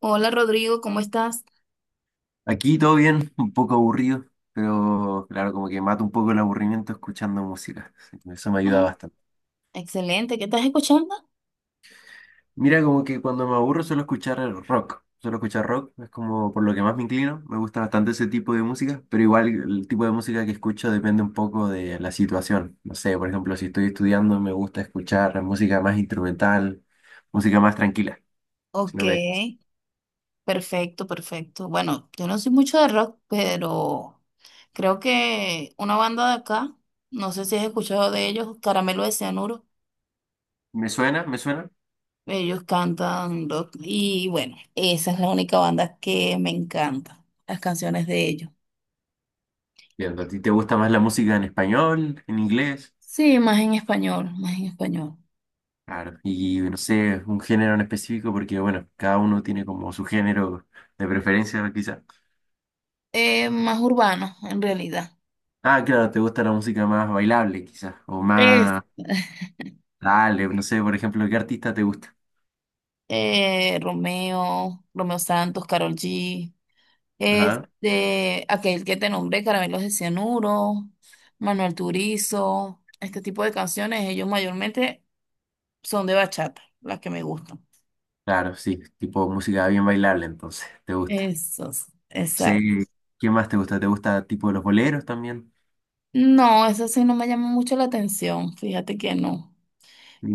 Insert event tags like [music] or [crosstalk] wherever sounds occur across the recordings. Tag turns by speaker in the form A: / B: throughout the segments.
A: Hola Rodrigo, ¿cómo estás?
B: Aquí todo bien, un poco aburrido, pero claro, como que mato un poco el aburrimiento escuchando música. Sí, eso me ayuda
A: Ay,
B: bastante.
A: excelente, ¿qué estás escuchando?
B: Mira, como que cuando me aburro suelo escuchar el rock. Suelo escuchar rock, es como por lo que más me inclino. Me gusta bastante ese tipo de música, pero igual el tipo de música que escucho depende un poco de la situación. No sé, por ejemplo, si estoy estudiando me gusta escuchar música más instrumental, música más tranquila. Si
A: Ok,
B: no me,
A: perfecto, perfecto. Bueno, yo no soy mucho de rock, pero creo que una banda de acá, no sé si has escuchado de ellos, Caramelo de Cianuro,
B: me suena, me suena.
A: ellos cantan rock y bueno, esa es la única banda que me encanta, las canciones de ellos.
B: Bien, ¿a ti te gusta más la música en español, en inglés?
A: Sí, más en español, más en español.
B: Claro, y no sé, un género en específico, porque bueno, cada uno tiene como su género de preferencia, quizás.
A: Más urbano, en realidad.
B: Ah, claro, te gusta la música más bailable, quizás, o
A: Es.
B: más,
A: [laughs]
B: dale, no sé, por ejemplo, ¿qué artista te gusta?
A: Romeo, Romeo Santos, Karol G,
B: Ajá.
A: este, aquel que te nombré, Caramelos de Cianuro, Manuel Turizo, este tipo de canciones, ellos mayormente son de bachata, las que me gustan.
B: Claro, sí, tipo música bien bailable, entonces, te gusta.
A: Esos, exacto.
B: Sí, ¿qué más te gusta? ¿Te gusta tipo los boleros también?
A: No, esas sí no me llaman mucho la atención, fíjate que no.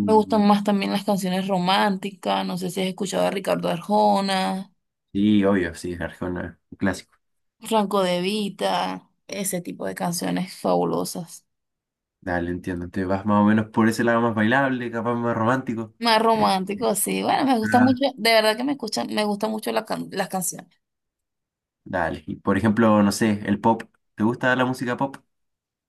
A: Me gustan más también las canciones románticas, no sé si has escuchado a Ricardo Arjona,
B: Sí, obvio, sí, Arjona, un clásico.
A: Franco De Vita, ese tipo de canciones fabulosas.
B: Dale, entiendo, te vas más o menos por ese lado más bailable, capaz más romántico.
A: Más romántico, sí. Bueno, me gusta mucho, de verdad que me escuchan, me gusta mucho las canciones.
B: Dale. Y por ejemplo, no sé, el pop. ¿Te gusta la música pop?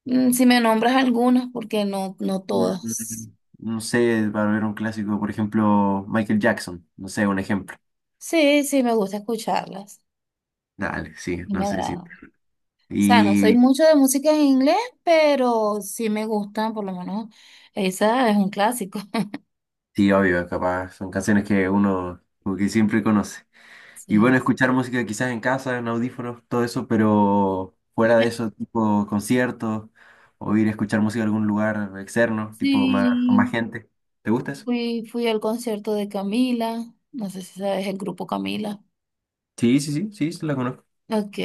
A: Mm, si me nombras algunas, porque no, no
B: Mm,
A: todas.
B: mm, No sé, para ver un clásico, por ejemplo, Michael Jackson. No sé, un ejemplo.
A: Sí, sí, me gusta escucharlas
B: Dale, sí,
A: y me
B: no sé, sí.
A: agrada. O sea, no soy
B: Y
A: mucho de música en inglés, pero sí me gustan, por lo menos esa es un clásico. [laughs]
B: sí, obvio, capaz, son canciones que uno como que siempre conoce. Y
A: Sí.
B: bueno, escuchar música quizás en casa, en audífonos, todo eso, pero fuera de
A: Me-
B: eso, tipo conciertos, o ir a escuchar música a algún lugar externo, tipo más, con más
A: Sí,
B: gente. ¿Te gusta eso?
A: fui al concierto de Camila. No sé si sabes el grupo Camila.
B: Sí, sí, sí, sí, sí, la conozco.
A: Ok,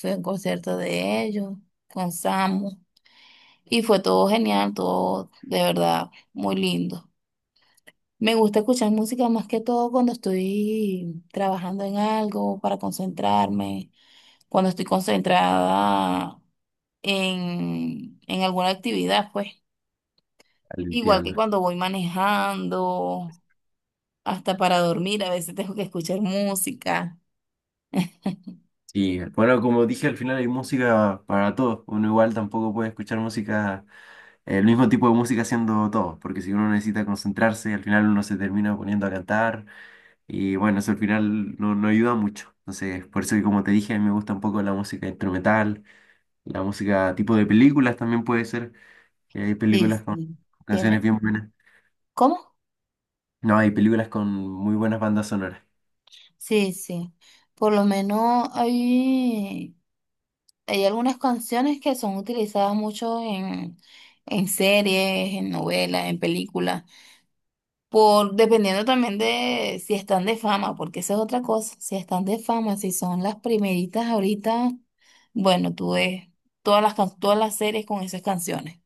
A: fui a un concierto de ellos con Samu. Y fue todo genial, todo de verdad muy lindo. Me gusta escuchar música más que todo cuando estoy trabajando en algo para concentrarme, cuando estoy concentrada en alguna actividad, pues.
B: Dale,
A: Igual que
B: entiendo.
A: cuando voy manejando, hasta para dormir, a veces tengo que escuchar música. [laughs]
B: Sí, bueno, como dije, al final hay música para todos. Uno igual tampoco puede escuchar música, el mismo tipo de música haciendo todo, porque si uno necesita concentrarse, al final uno se termina poniendo a cantar y bueno, eso al final no, no ayuda mucho. Entonces, por eso que como te dije, a mí me gusta un poco la música instrumental, la música tipo de películas también puede ser. Que Hay
A: Sí,
B: películas con
A: sí,
B: canciones
A: Tiene-
B: bien buenas.
A: ¿Cómo?
B: No, hay películas con muy buenas bandas sonoras.
A: Sí, sí. Por lo menos hay. Hay algunas canciones que son utilizadas mucho en series, en novelas, en películas, por dependiendo también de si están de fama, porque esa es otra cosa, si están de fama, si son las primeritas ahorita, bueno, tú ves todas las series con esas canciones.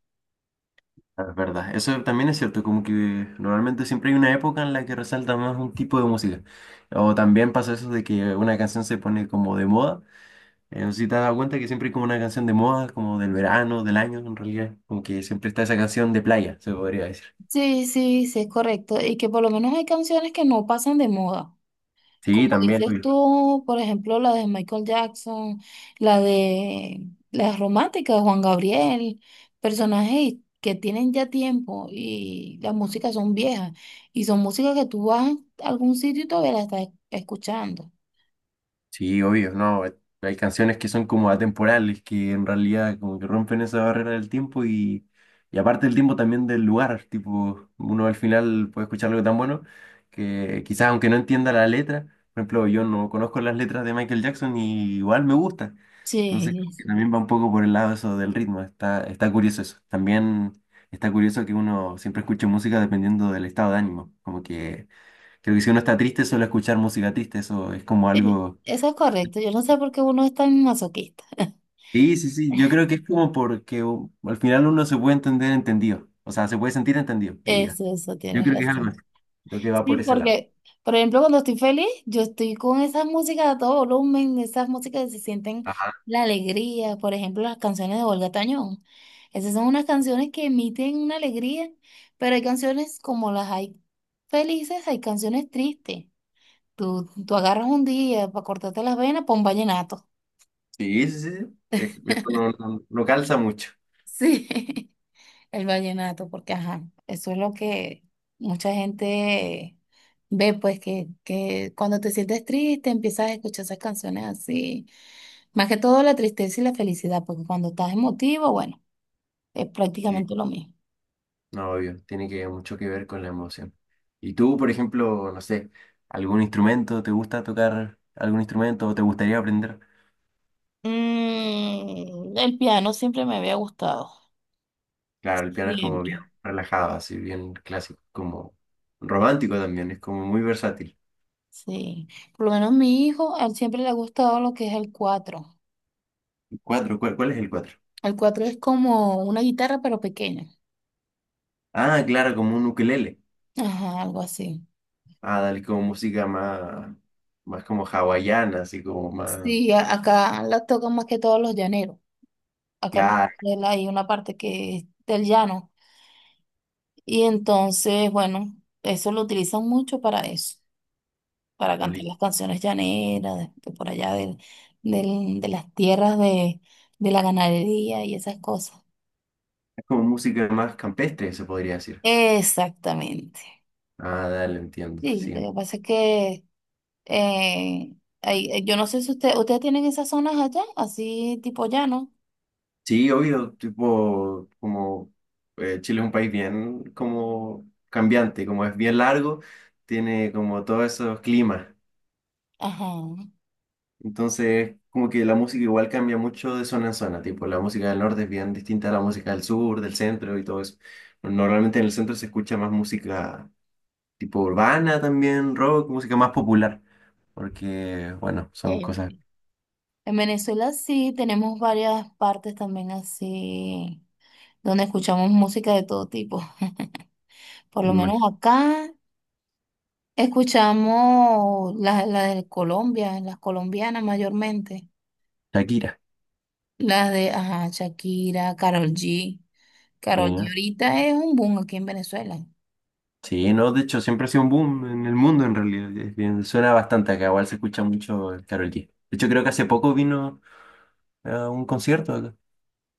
B: Es verdad, eso también es cierto, como que normalmente siempre hay una época en la que resalta más un tipo de música. O también pasa eso de que una canción se pone como de moda. No sé si te has dado cuenta que siempre hay como una canción de moda, como del verano, del año, en realidad. Como que siempre está esa canción de playa, se podría decir.
A: Sí, sí, sí, es correcto. Y que por lo menos hay canciones que no pasan de moda. Como
B: Sí, también.
A: dices tú, por ejemplo, la de Michael Jackson, la de las románticas de Juan Gabriel, personajes que tienen ya tiempo y las músicas son viejas y son músicas que tú vas a algún sitio y todavía la estás escuchando.
B: Sí, obvio, no. Hay canciones que son como atemporales, que en realidad como que rompen esa barrera del tiempo y aparte del tiempo también del lugar, tipo, uno al final puede escuchar algo tan bueno que quizás aunque no entienda la letra, por ejemplo, yo no conozco las letras de Michael Jackson y igual me gusta. Entonces, creo
A: Sí.
B: que también va un poco por el lado eso del ritmo, está curioso eso. También está curioso que uno siempre escuche música dependiendo del estado de ánimo, como que creo que si uno está triste suele escuchar música triste, eso es como algo.
A: Eso es correcto, yo no sé por qué uno es tan masoquista. [laughs]
B: Sí, sí, sí, yo creo que es como porque al final uno se puede entender entendido, o sea, se puede sentir entendido, que diga.
A: Eso,
B: Yo
A: tienes
B: creo que es algo así,
A: razón.
B: lo que va
A: Sí,
B: por ese lado.
A: porque, por ejemplo, cuando estoy feliz, yo estoy con esas músicas a todo volumen, esas músicas que se sienten
B: Ajá,
A: la alegría, por ejemplo, las canciones de Olga Tañón. Esas son unas canciones que emiten una alegría, pero hay canciones como las hay felices, hay canciones tristes. Tú agarras un día para cortarte las venas, pon vallenato.
B: sí, sí, sí, esto no, no, no calza mucho.
A: Sí. [laughs] El vallenato, porque ajá, eso es lo que mucha gente ve, pues que cuando te sientes triste empiezas a escuchar esas canciones así. Más que todo la tristeza y la felicidad, porque cuando estás emotivo, bueno, es
B: Sí,
A: prácticamente lo mismo.
B: no, obvio, tiene que mucho que ver con la emoción. ¿Y tú, por ejemplo, no sé, algún instrumento, te gusta tocar algún instrumento o te gustaría aprender?
A: Mm, el piano siempre me había gustado,
B: Claro, el piano es como bien
A: siempre,
B: relajado, así bien clásico, como romántico también, es como muy versátil.
A: sí. Por lo menos mi hijo, a él siempre le ha gustado lo que es el cuatro.
B: Cuatro, ¿cuál es el cuatro?
A: El cuatro es como una guitarra, pero pequeña.
B: Ah, claro, como un ukelele.
A: Ajá, algo así.
B: Ah, dale, como música más, más como hawaiana, así como más...
A: Sí, a- acá la tocan más que todos los llaneros. Acá en
B: Claro,
A: Venezuela hay una parte que es del llano. Y entonces, bueno, eso lo utilizan mucho para eso, para cantar
B: dale.
A: las canciones llaneras, de por allá del, del- de las tierras de la ganadería y esas cosas.
B: Es como música más campestre, se podría decir.
A: Exactamente.
B: Ah, dale, entiendo,
A: Sí, lo
B: sí.
A: que pasa es que eh, hay- yo no sé si usted, ustedes tienen esas zonas allá, así tipo llano.
B: Sí, obvio, tipo, como Chile es un país bien como cambiante, como es bien largo, tiene como todos esos climas.
A: Ajá.
B: Entonces, como que la música igual cambia mucho de zona en zona, tipo, la música del norte es bien distinta a la música del sur, del centro y todo eso. Normalmente en el centro se escucha más música tipo urbana también, rock, música más popular, porque, bueno,
A: Ya,
B: son
A: ya.
B: cosas...
A: En Venezuela sí tenemos varias partes también así, donde escuchamos música de todo tipo. [laughs] Por
B: me
A: lo menos
B: imagino.
A: acá escuchamos las la de Colombia, las colombianas mayormente.
B: Shakira,
A: Las de, ajá, Shakira, Karol G.
B: sí,
A: Karol G
B: ¿no?
A: ahorita es un boom aquí en Venezuela.
B: Sí, no, de hecho siempre ha sido un boom en el mundo en realidad, es bien- suena bastante acá, igual se escucha mucho el Karol G. De hecho creo que hace poco vino a un concierto acá.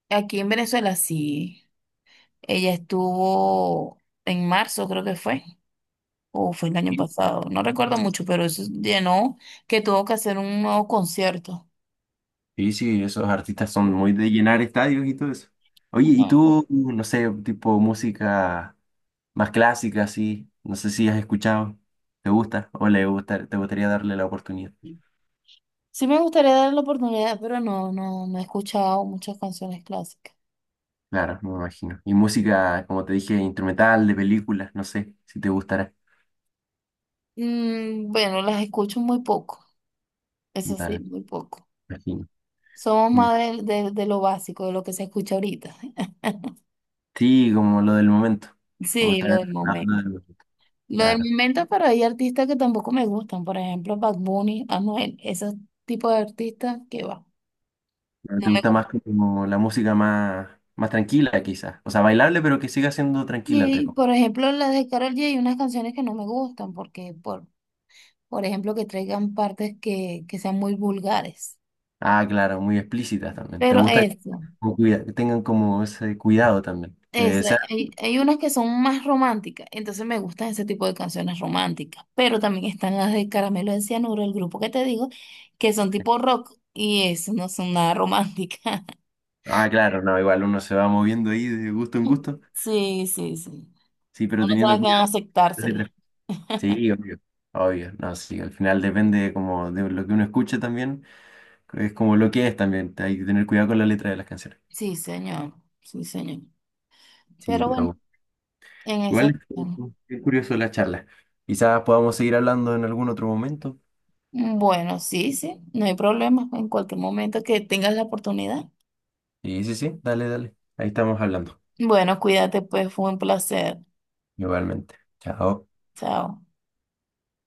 A: Aquí en Venezuela sí. Ella estuvo en marzo, creo que fue, o fue el año pasado, no recuerdo mucho, pero eso llenó que tuvo que hacer un nuevo concierto.
B: Sí, sí, esos artistas son muy de llenar estadios y todo eso. Oye, ¿y
A: Ah,
B: tú, no sé, tipo música más clásica, así? No sé si has escuchado. ¿Te gusta o le gusta, te gustaría darle la oportunidad?
A: sí me gustaría darle la oportunidad, pero no, no, no he escuchado muchas canciones clásicas.
B: Claro, me imagino. Y música, como te dije, instrumental, de películas, no sé si te gustará.
A: Mm, bueno, las escucho muy poco, eso sí,
B: Dale,
A: muy poco.
B: me imagino.
A: Somos
B: Mm.
A: más del- de lo básico, de lo que se escucha ahorita.
B: Sí, como lo del momento. Como
A: Sí, lo
B: estar
A: del momento.
B: tratarlo de-
A: Lo del
B: Claro.
A: momento, pero hay artistas que tampoco me gustan. Por ejemplo, Bad Bunny, Anuel, esos tipos de artistas que va,
B: Pero
A: no
B: ¿te
A: me
B: gusta
A: gustan.
B: más como la música más, más tranquila, quizás? O sea, bailable, pero que siga siendo tranquila, entre
A: Y por
B: comillas.
A: ejemplo, las de Karol G, hay unas canciones que no me gustan porque, por ejemplo, que traigan partes que sean muy vulgares.
B: Ah, claro, muy explícitas también. ¿Te
A: Pero
B: gusta que
A: eso,
B: como que tengan como ese cuidado también? Que
A: eso,
B: sea...
A: hay unas que son más románticas, entonces me gustan ese tipo de canciones románticas, pero también están las de Caramelo de Cianuro, el grupo que te digo, que son tipo rock y eso no son nada románticas.
B: Ah, claro, no, igual uno se va moviendo ahí de gusto en
A: [laughs]
B: gusto.
A: Sí, sí, sí.
B: Sí, pero
A: Uno
B: teniendo
A: sabe que van a
B: cuidado con las
A: aceptársela.
B: letras. Sí, obvio. Obvio, no, sí, al final depende como de lo que uno escuche también, es como lo que es también, hay que tener cuidado con la letra de las canciones.
A: Sí, señor, sí, señor.
B: Sí,
A: Pero bueno,
B: pero
A: en ese...
B: igual es curioso la charla. Quizás podamos seguir hablando en algún otro momento.
A: Bueno, sí, sí, no hay problema en cualquier momento que tengas la oportunidad.
B: Sí, sí, sí, dale, dale. Ahí estamos hablando,
A: Bueno, cuídate, pues fue un placer.
B: igualmente. Chao.
A: Chao.